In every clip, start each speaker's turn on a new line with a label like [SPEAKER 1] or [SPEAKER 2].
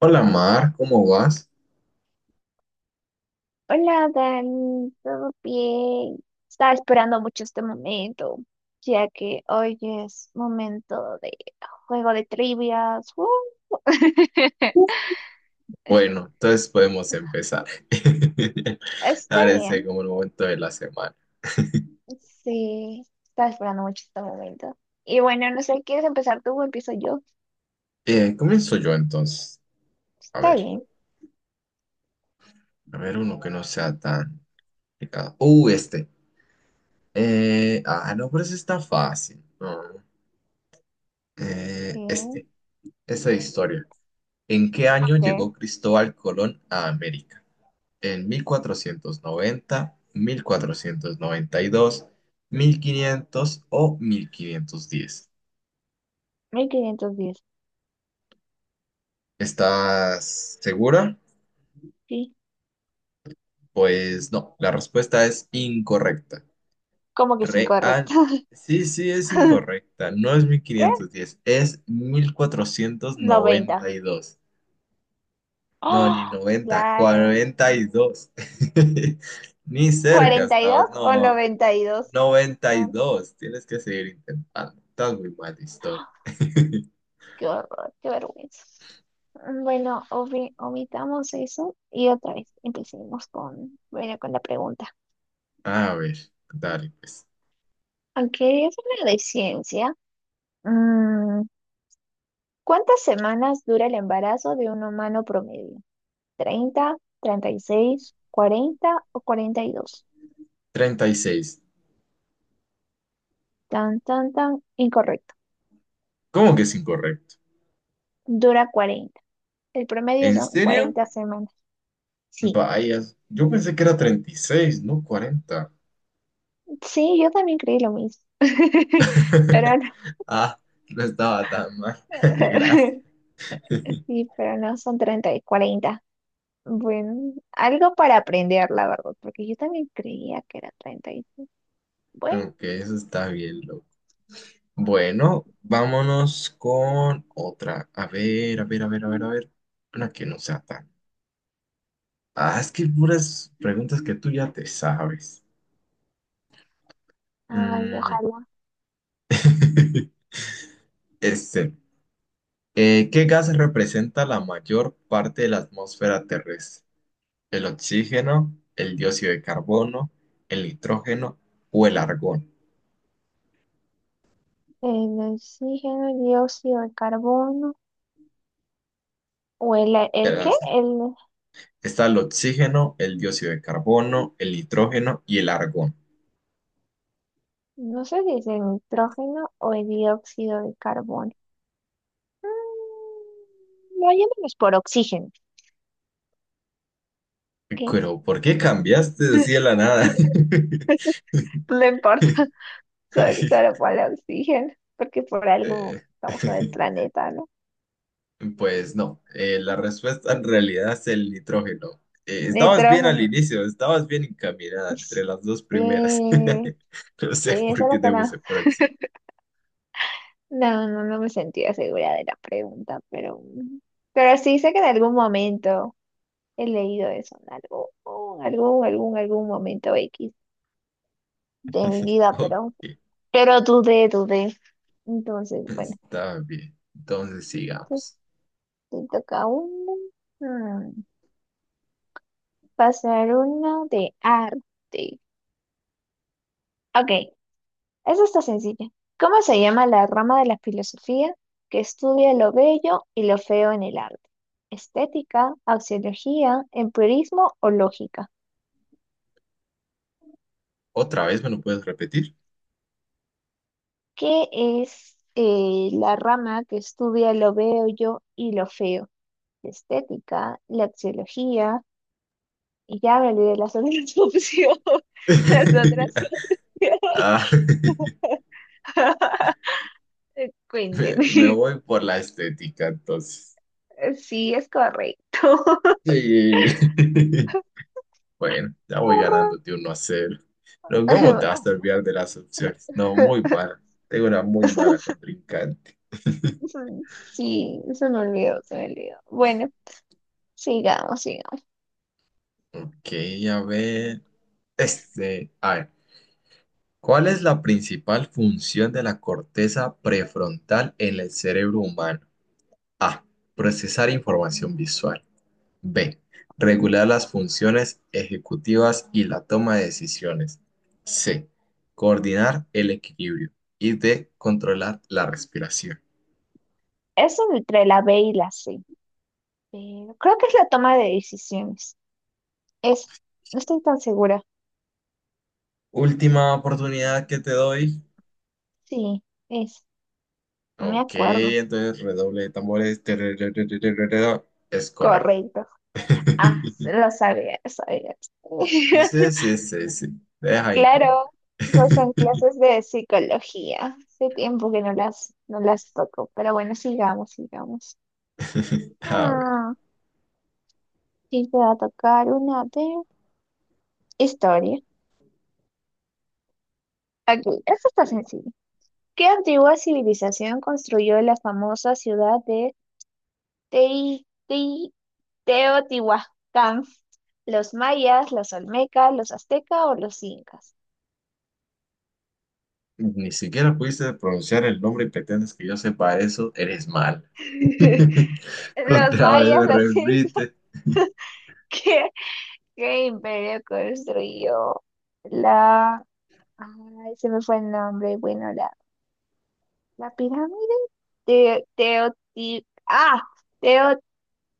[SPEAKER 1] Hola Mar, ¿cómo vas?
[SPEAKER 2] Hola, Dan, ¿todo bien? Estaba esperando mucho este momento, ya que hoy es momento de juego de trivias.
[SPEAKER 1] Bueno, entonces podemos empezar.
[SPEAKER 2] Está
[SPEAKER 1] Parece
[SPEAKER 2] bien.
[SPEAKER 1] como el momento de la semana.
[SPEAKER 2] Sí, estaba esperando mucho este momento. Y bueno, no sé, ¿quieres empezar tú o empiezo yo?
[SPEAKER 1] Comienzo yo entonces. A
[SPEAKER 2] Está
[SPEAKER 1] ver,
[SPEAKER 2] bien.
[SPEAKER 1] a ver uno que no sea tan complicado. Este. No, pero ese está fácil. No.
[SPEAKER 2] Sí, ok.
[SPEAKER 1] Este, esa historia. ¿En qué año llegó Cristóbal Colón a América? ¿En mil cuatrocientos noventa, 1492 1500 o 1510.
[SPEAKER 2] ¿1510?
[SPEAKER 1] ¿Estás segura?
[SPEAKER 2] Sí.
[SPEAKER 1] Pues no, la respuesta es incorrecta.
[SPEAKER 2] ¿Cómo que es incorrecto?
[SPEAKER 1] Real. Sí, sí, es incorrecta. No es mil
[SPEAKER 2] ¿Qué?
[SPEAKER 1] quinientos diez, es mil cuatrocientos
[SPEAKER 2] 90.
[SPEAKER 1] noventa y dos. No, ni
[SPEAKER 2] ¡Oh!
[SPEAKER 1] 90,
[SPEAKER 2] Claro.
[SPEAKER 1] 42, ni cerca
[SPEAKER 2] ¿cuarenta y
[SPEAKER 1] estabas.
[SPEAKER 2] dos o
[SPEAKER 1] No,
[SPEAKER 2] noventa y dos.
[SPEAKER 1] noventa y
[SPEAKER 2] No.
[SPEAKER 1] dos. Tienes que seguir intentando. Estás muy mal, de historia.
[SPEAKER 2] Qué horror, qué vergüenza. Bueno, omitamos eso y otra vez empecemos con, bueno, con la pregunta.
[SPEAKER 1] A ver, dale, pues.
[SPEAKER 2] Aunque es una de ciencia, mm, ¿cuántas semanas dura el embarazo de un humano promedio? 30, 36, 40 o 42.
[SPEAKER 1] 36.
[SPEAKER 2] Tan, tan, tan, incorrecto.
[SPEAKER 1] ¿Cómo que es incorrecto?
[SPEAKER 2] Dura 40. El promedio
[SPEAKER 1] ¿En
[SPEAKER 2] son
[SPEAKER 1] serio?
[SPEAKER 2] 40 semanas. Sí,
[SPEAKER 1] Vaya, yo pensé que era 36, no 40.
[SPEAKER 2] sí, yo también creí lo mismo. Pero no.
[SPEAKER 1] Ah, no estaba tan mal. Gracias.
[SPEAKER 2] Sí, pero no son 30 y 40. Bueno, algo para aprender, la verdad, porque yo también creía que era treinta y... Bueno,
[SPEAKER 1] Ok, eso está bien, loco. Bueno, vámonos con otra. A ver, a ver, a ver, a ver, a ver. Una que no sea tan. Ah, es que hay puras preguntas que tú ya te sabes.
[SPEAKER 2] ay,
[SPEAKER 1] Mm,
[SPEAKER 2] ojalá.
[SPEAKER 1] Este. ¿Qué gas representa la mayor parte de la atmósfera terrestre? El oxígeno, el dióxido de carbono, el nitrógeno o el argón.
[SPEAKER 2] El oxígeno, el dióxido de carbono, o
[SPEAKER 1] Te
[SPEAKER 2] ¿el qué?
[SPEAKER 1] las-
[SPEAKER 2] El,
[SPEAKER 1] Está el oxígeno, el dióxido de carbono, el nitrógeno y el argón.
[SPEAKER 2] no sé si es el nitrógeno o el dióxido de carbono. Vayámonos por oxígeno, ¿ok?
[SPEAKER 1] Pero, ¿por qué cambiaste así de la nada?
[SPEAKER 2] No importa, solo por el oxígeno, porque por algo
[SPEAKER 1] Eh,
[SPEAKER 2] estamos en el planeta, ¿no?
[SPEAKER 1] Pues no, la respuesta en realidad es el nitrógeno. Estabas bien al
[SPEAKER 2] Nitrógeno.
[SPEAKER 1] inicio, estabas bien encaminada entre las dos primeras.
[SPEAKER 2] Sí,
[SPEAKER 1] No sé
[SPEAKER 2] sí,
[SPEAKER 1] por qué
[SPEAKER 2] solo que
[SPEAKER 1] te
[SPEAKER 2] no,
[SPEAKER 1] fuiste por así.
[SPEAKER 2] no, no, no me sentía segura de la pregunta, pero sí sé que en algún momento he leído eso, en algún momento X de mi vida,
[SPEAKER 1] Ok.
[SPEAKER 2] pero dudé, dudé. Entonces, bueno,
[SPEAKER 1] Está bien. Entonces
[SPEAKER 2] te,
[SPEAKER 1] sigamos.
[SPEAKER 2] te toca uno. Mm, pasar uno de arte. Ok, eso está sencilla. ¿Cómo se llama la rama de la filosofía que estudia lo bello y lo feo en el arte? ¿Estética, axiología, empirismo o lógica?
[SPEAKER 1] ¿Otra vez me lo puedes repetir?
[SPEAKER 2] ¿Qué es la rama que estudia lo bello y lo feo? Estética, la axiología, y ya me olvidé las otras opciones. Las otras opciones.
[SPEAKER 1] Ah,
[SPEAKER 2] Cuénteme.
[SPEAKER 1] me voy por la estética, entonces.
[SPEAKER 2] Sí, es correcto.
[SPEAKER 1] Sí. Bueno, ya
[SPEAKER 2] Qué
[SPEAKER 1] voy
[SPEAKER 2] horror.
[SPEAKER 1] ganándote 1-0. Pero ¿cómo te vas a olvidar de las opciones? No, muy mala. Tengo una muy mala contrincante.
[SPEAKER 2] Eso- sí, se me olvidó. Bueno, sigamos, sigamos.
[SPEAKER 1] Ok, a ver. Este, a ver. ¿Cuál es la principal función de la corteza prefrontal en el cerebro humano? A. Procesar información visual. B. Regular las funciones ejecutivas y la toma de decisiones. C. Coordinar el equilibrio. Y D. Controlar la respiración.
[SPEAKER 2] Eso entre la B y la C, pero creo que es la toma de decisiones. Es, no estoy tan segura.
[SPEAKER 1] Última oportunidad que te doy.
[SPEAKER 2] Sí, es, no me
[SPEAKER 1] Ok,
[SPEAKER 2] acuerdo.
[SPEAKER 1] entonces redoble de tambores. Es correcto.
[SPEAKER 2] Correcto. Ah, sí, lo sabía, lo sabía.
[SPEAKER 1] Sí, sí, sí, sí. Deja inventar.
[SPEAKER 2] Claro, esas son clases de psicología. Hace tiempo que no las toco, pero bueno, sigamos, sigamos.
[SPEAKER 1] A ver,
[SPEAKER 2] Ah, y te va a tocar una de historia. Aquí, esto está sencillo. ¿Qué antigua civilización construyó la famosa ciudad de Tei- Tei- Teotihuacán? ¿Los mayas, los olmecas, los aztecas o los incas?
[SPEAKER 1] ni siquiera pudiste pronunciar el nombre y pretendes que yo sepa eso. Eres mal.
[SPEAKER 2] Los
[SPEAKER 1] Otra vez
[SPEAKER 2] mayas,
[SPEAKER 1] me
[SPEAKER 2] los incas.
[SPEAKER 1] repite.
[SPEAKER 2] ¿Qué, qué imperio construyó la... Ay, se me fue el nombre. Bueno, la pirámide de Teotihuacán. Ah,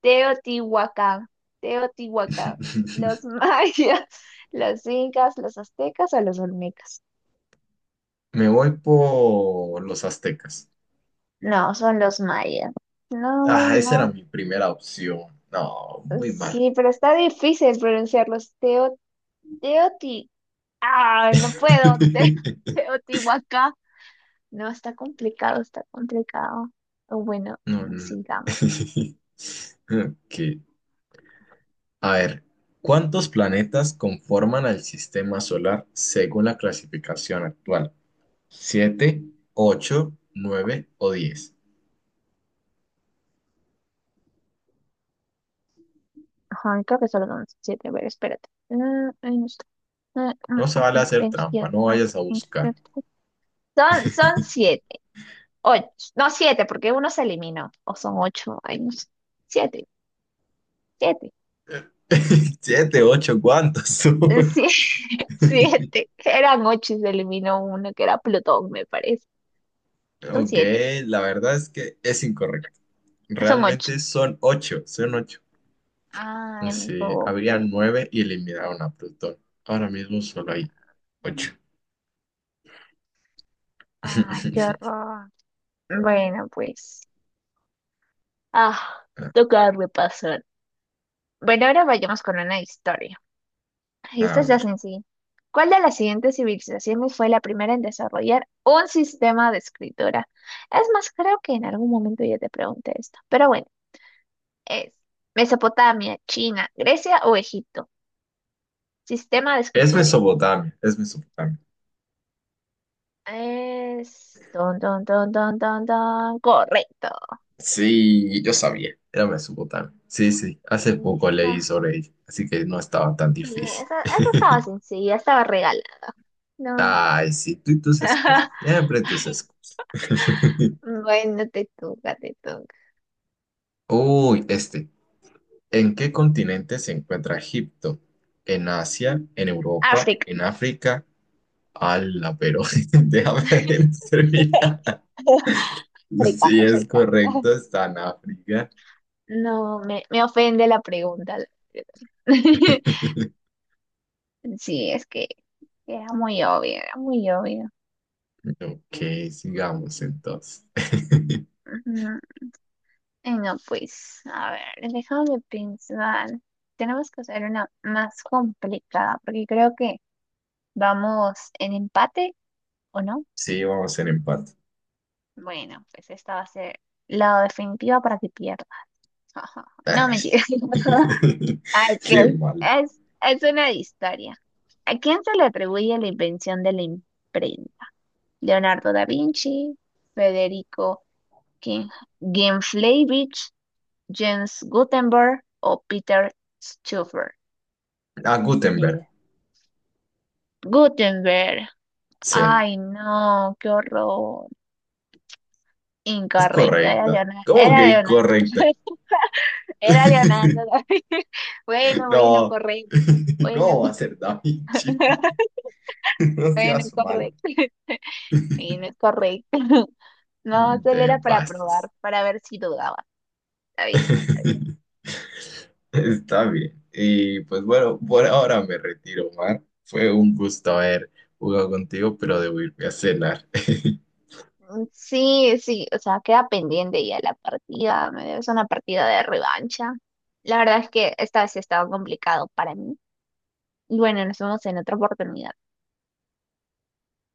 [SPEAKER 2] Teotihuacán, Teotihuacán, los mayas, los incas, los aztecas o los olmecas.
[SPEAKER 1] Me voy por los aztecas.
[SPEAKER 2] No, son los mayas. No, muy
[SPEAKER 1] Ah, esa era
[SPEAKER 2] mal.
[SPEAKER 1] mi primera opción. No, muy mal.
[SPEAKER 2] Sí, pero está difícil pronunciarlos. Teo, Teoti. Ah, no puedo. Teotihuacán. No, está complicado, está complicado. Bueno,
[SPEAKER 1] No, no.
[SPEAKER 2] sigamos.
[SPEAKER 1] Ok. A ver, ¿cuántos planetas conforman el sistema solar según la clasificación actual? ¿Siete, ocho, nueve o 10?
[SPEAKER 2] Ajá, creo que solo son 7. A ver, espérate. Mm, ahí no está. Mm,
[SPEAKER 1] No se vale hacer
[SPEAKER 2] pensar.
[SPEAKER 1] trampa, no vayas a buscar.
[SPEAKER 2] Son 7. 8, no, 7, porque uno se eliminó. O son 8, ay, no sé. 7, 7.
[SPEAKER 1] ¿Siete, ocho, cuántos son?
[SPEAKER 2] Sí, 7. Eran 8 y se eliminó uno, que era Plutón, me parece. Son
[SPEAKER 1] Ok,
[SPEAKER 2] siete,
[SPEAKER 1] la verdad es que es incorrecto.
[SPEAKER 2] son ocho.
[SPEAKER 1] Realmente son ocho, son ocho.
[SPEAKER 2] Ay, me
[SPEAKER 1] Sí, habría
[SPEAKER 2] equivoqué.
[SPEAKER 1] nueve y eliminaron a Plutón. Ahora mismo solo hay ocho.
[SPEAKER 2] Ay, qué horror. Bueno, pues. Ah, toca repasar. Bueno, ahora vayamos con una historia. Esta
[SPEAKER 1] A
[SPEAKER 2] es ya
[SPEAKER 1] ver.
[SPEAKER 2] sencilla. ¿Cuál de las siguientes civilizaciones fue la primera en desarrollar un sistema de escritura? Es más, creo que en algún momento ya te pregunté esto, pero bueno, es Mesopotamia, China, Grecia o Egipto. Sistema de
[SPEAKER 1] Es
[SPEAKER 2] escritura.
[SPEAKER 1] Mesopotamia, es Mesopotamia.
[SPEAKER 2] Es... don, don, don, don, don, don. Correcto.
[SPEAKER 1] Sí, yo sabía. Era Mesopotamia. Sí, sí, hace poco leí
[SPEAKER 2] Lista.
[SPEAKER 1] sobre ella, así que no estaba tan
[SPEAKER 2] Sí,
[SPEAKER 1] difícil.
[SPEAKER 2] esa estaba sencilla, estaba regalada. No.
[SPEAKER 1] Ay, sí, tú y tus excusas. Siempre tus excusas.
[SPEAKER 2] Bueno, te toca, te toca.
[SPEAKER 1] Uy, este. ¿En qué continente se encuentra Egipto? ¿En Asia? ¿En Europa?
[SPEAKER 2] África,
[SPEAKER 1] ¿En África? ¡Hala, pero déjame terminar!
[SPEAKER 2] África,
[SPEAKER 1] Sí, es
[SPEAKER 2] África.
[SPEAKER 1] correcto, está en África.
[SPEAKER 2] No, me ofende la pregunta. Sí, es que era muy obvio, era muy obvio.
[SPEAKER 1] Ok, sigamos entonces.
[SPEAKER 2] Ujú. Y no, pues, a ver, déjame pensar. Tenemos que hacer una más complicada, porque creo que vamos en empate, ¿o no?
[SPEAKER 1] Sí, vamos en empate.
[SPEAKER 2] Bueno, pues esta va a ser la definitiva para que pierda. Ajá. No,
[SPEAKER 1] Ay,
[SPEAKER 2] mentira.
[SPEAKER 1] qué
[SPEAKER 2] Ok,
[SPEAKER 1] mal.
[SPEAKER 2] es una historia. ¿A quién se le atribuye la invención de la imprenta? Leonardo da Vinci, Federico King- Ginflavich, Jens Gutenberg o Peter Schuffer.
[SPEAKER 1] A
[SPEAKER 2] Ni
[SPEAKER 1] Gutenberg.
[SPEAKER 2] idea. Gutenberg.
[SPEAKER 1] Sí,
[SPEAKER 2] Ay, no, qué horror.
[SPEAKER 1] es
[SPEAKER 2] Incorrecto, era
[SPEAKER 1] correcta.
[SPEAKER 2] Leonardo.
[SPEAKER 1] ¿Cómo
[SPEAKER 2] Era
[SPEAKER 1] que
[SPEAKER 2] Leonardo.
[SPEAKER 1] incorrecta?
[SPEAKER 2] Era Leonardo da Vinci. Bueno, bueno,
[SPEAKER 1] No.
[SPEAKER 2] correcto. Bueno,
[SPEAKER 1] ¿Cómo va a ser Da Vinci? No
[SPEAKER 2] bueno,
[SPEAKER 1] seas mal.
[SPEAKER 2] correcto. Bueno, correcto. No, solo
[SPEAKER 1] Te
[SPEAKER 2] era para
[SPEAKER 1] pases.
[SPEAKER 2] probar, para ver si dudaba. Está bien.
[SPEAKER 1] Está bien. Y pues bueno, por ahora me retiro, Omar. Fue un gusto haber jugado contigo, pero debo irme a cenar.
[SPEAKER 2] Mm, sí, sí, o sea, queda pendiente ya la partida, me debes una partida de revancha. La verdad es que esta vez sí estaba complicado para mí. Y bueno, nos vemos en otra oportunidad.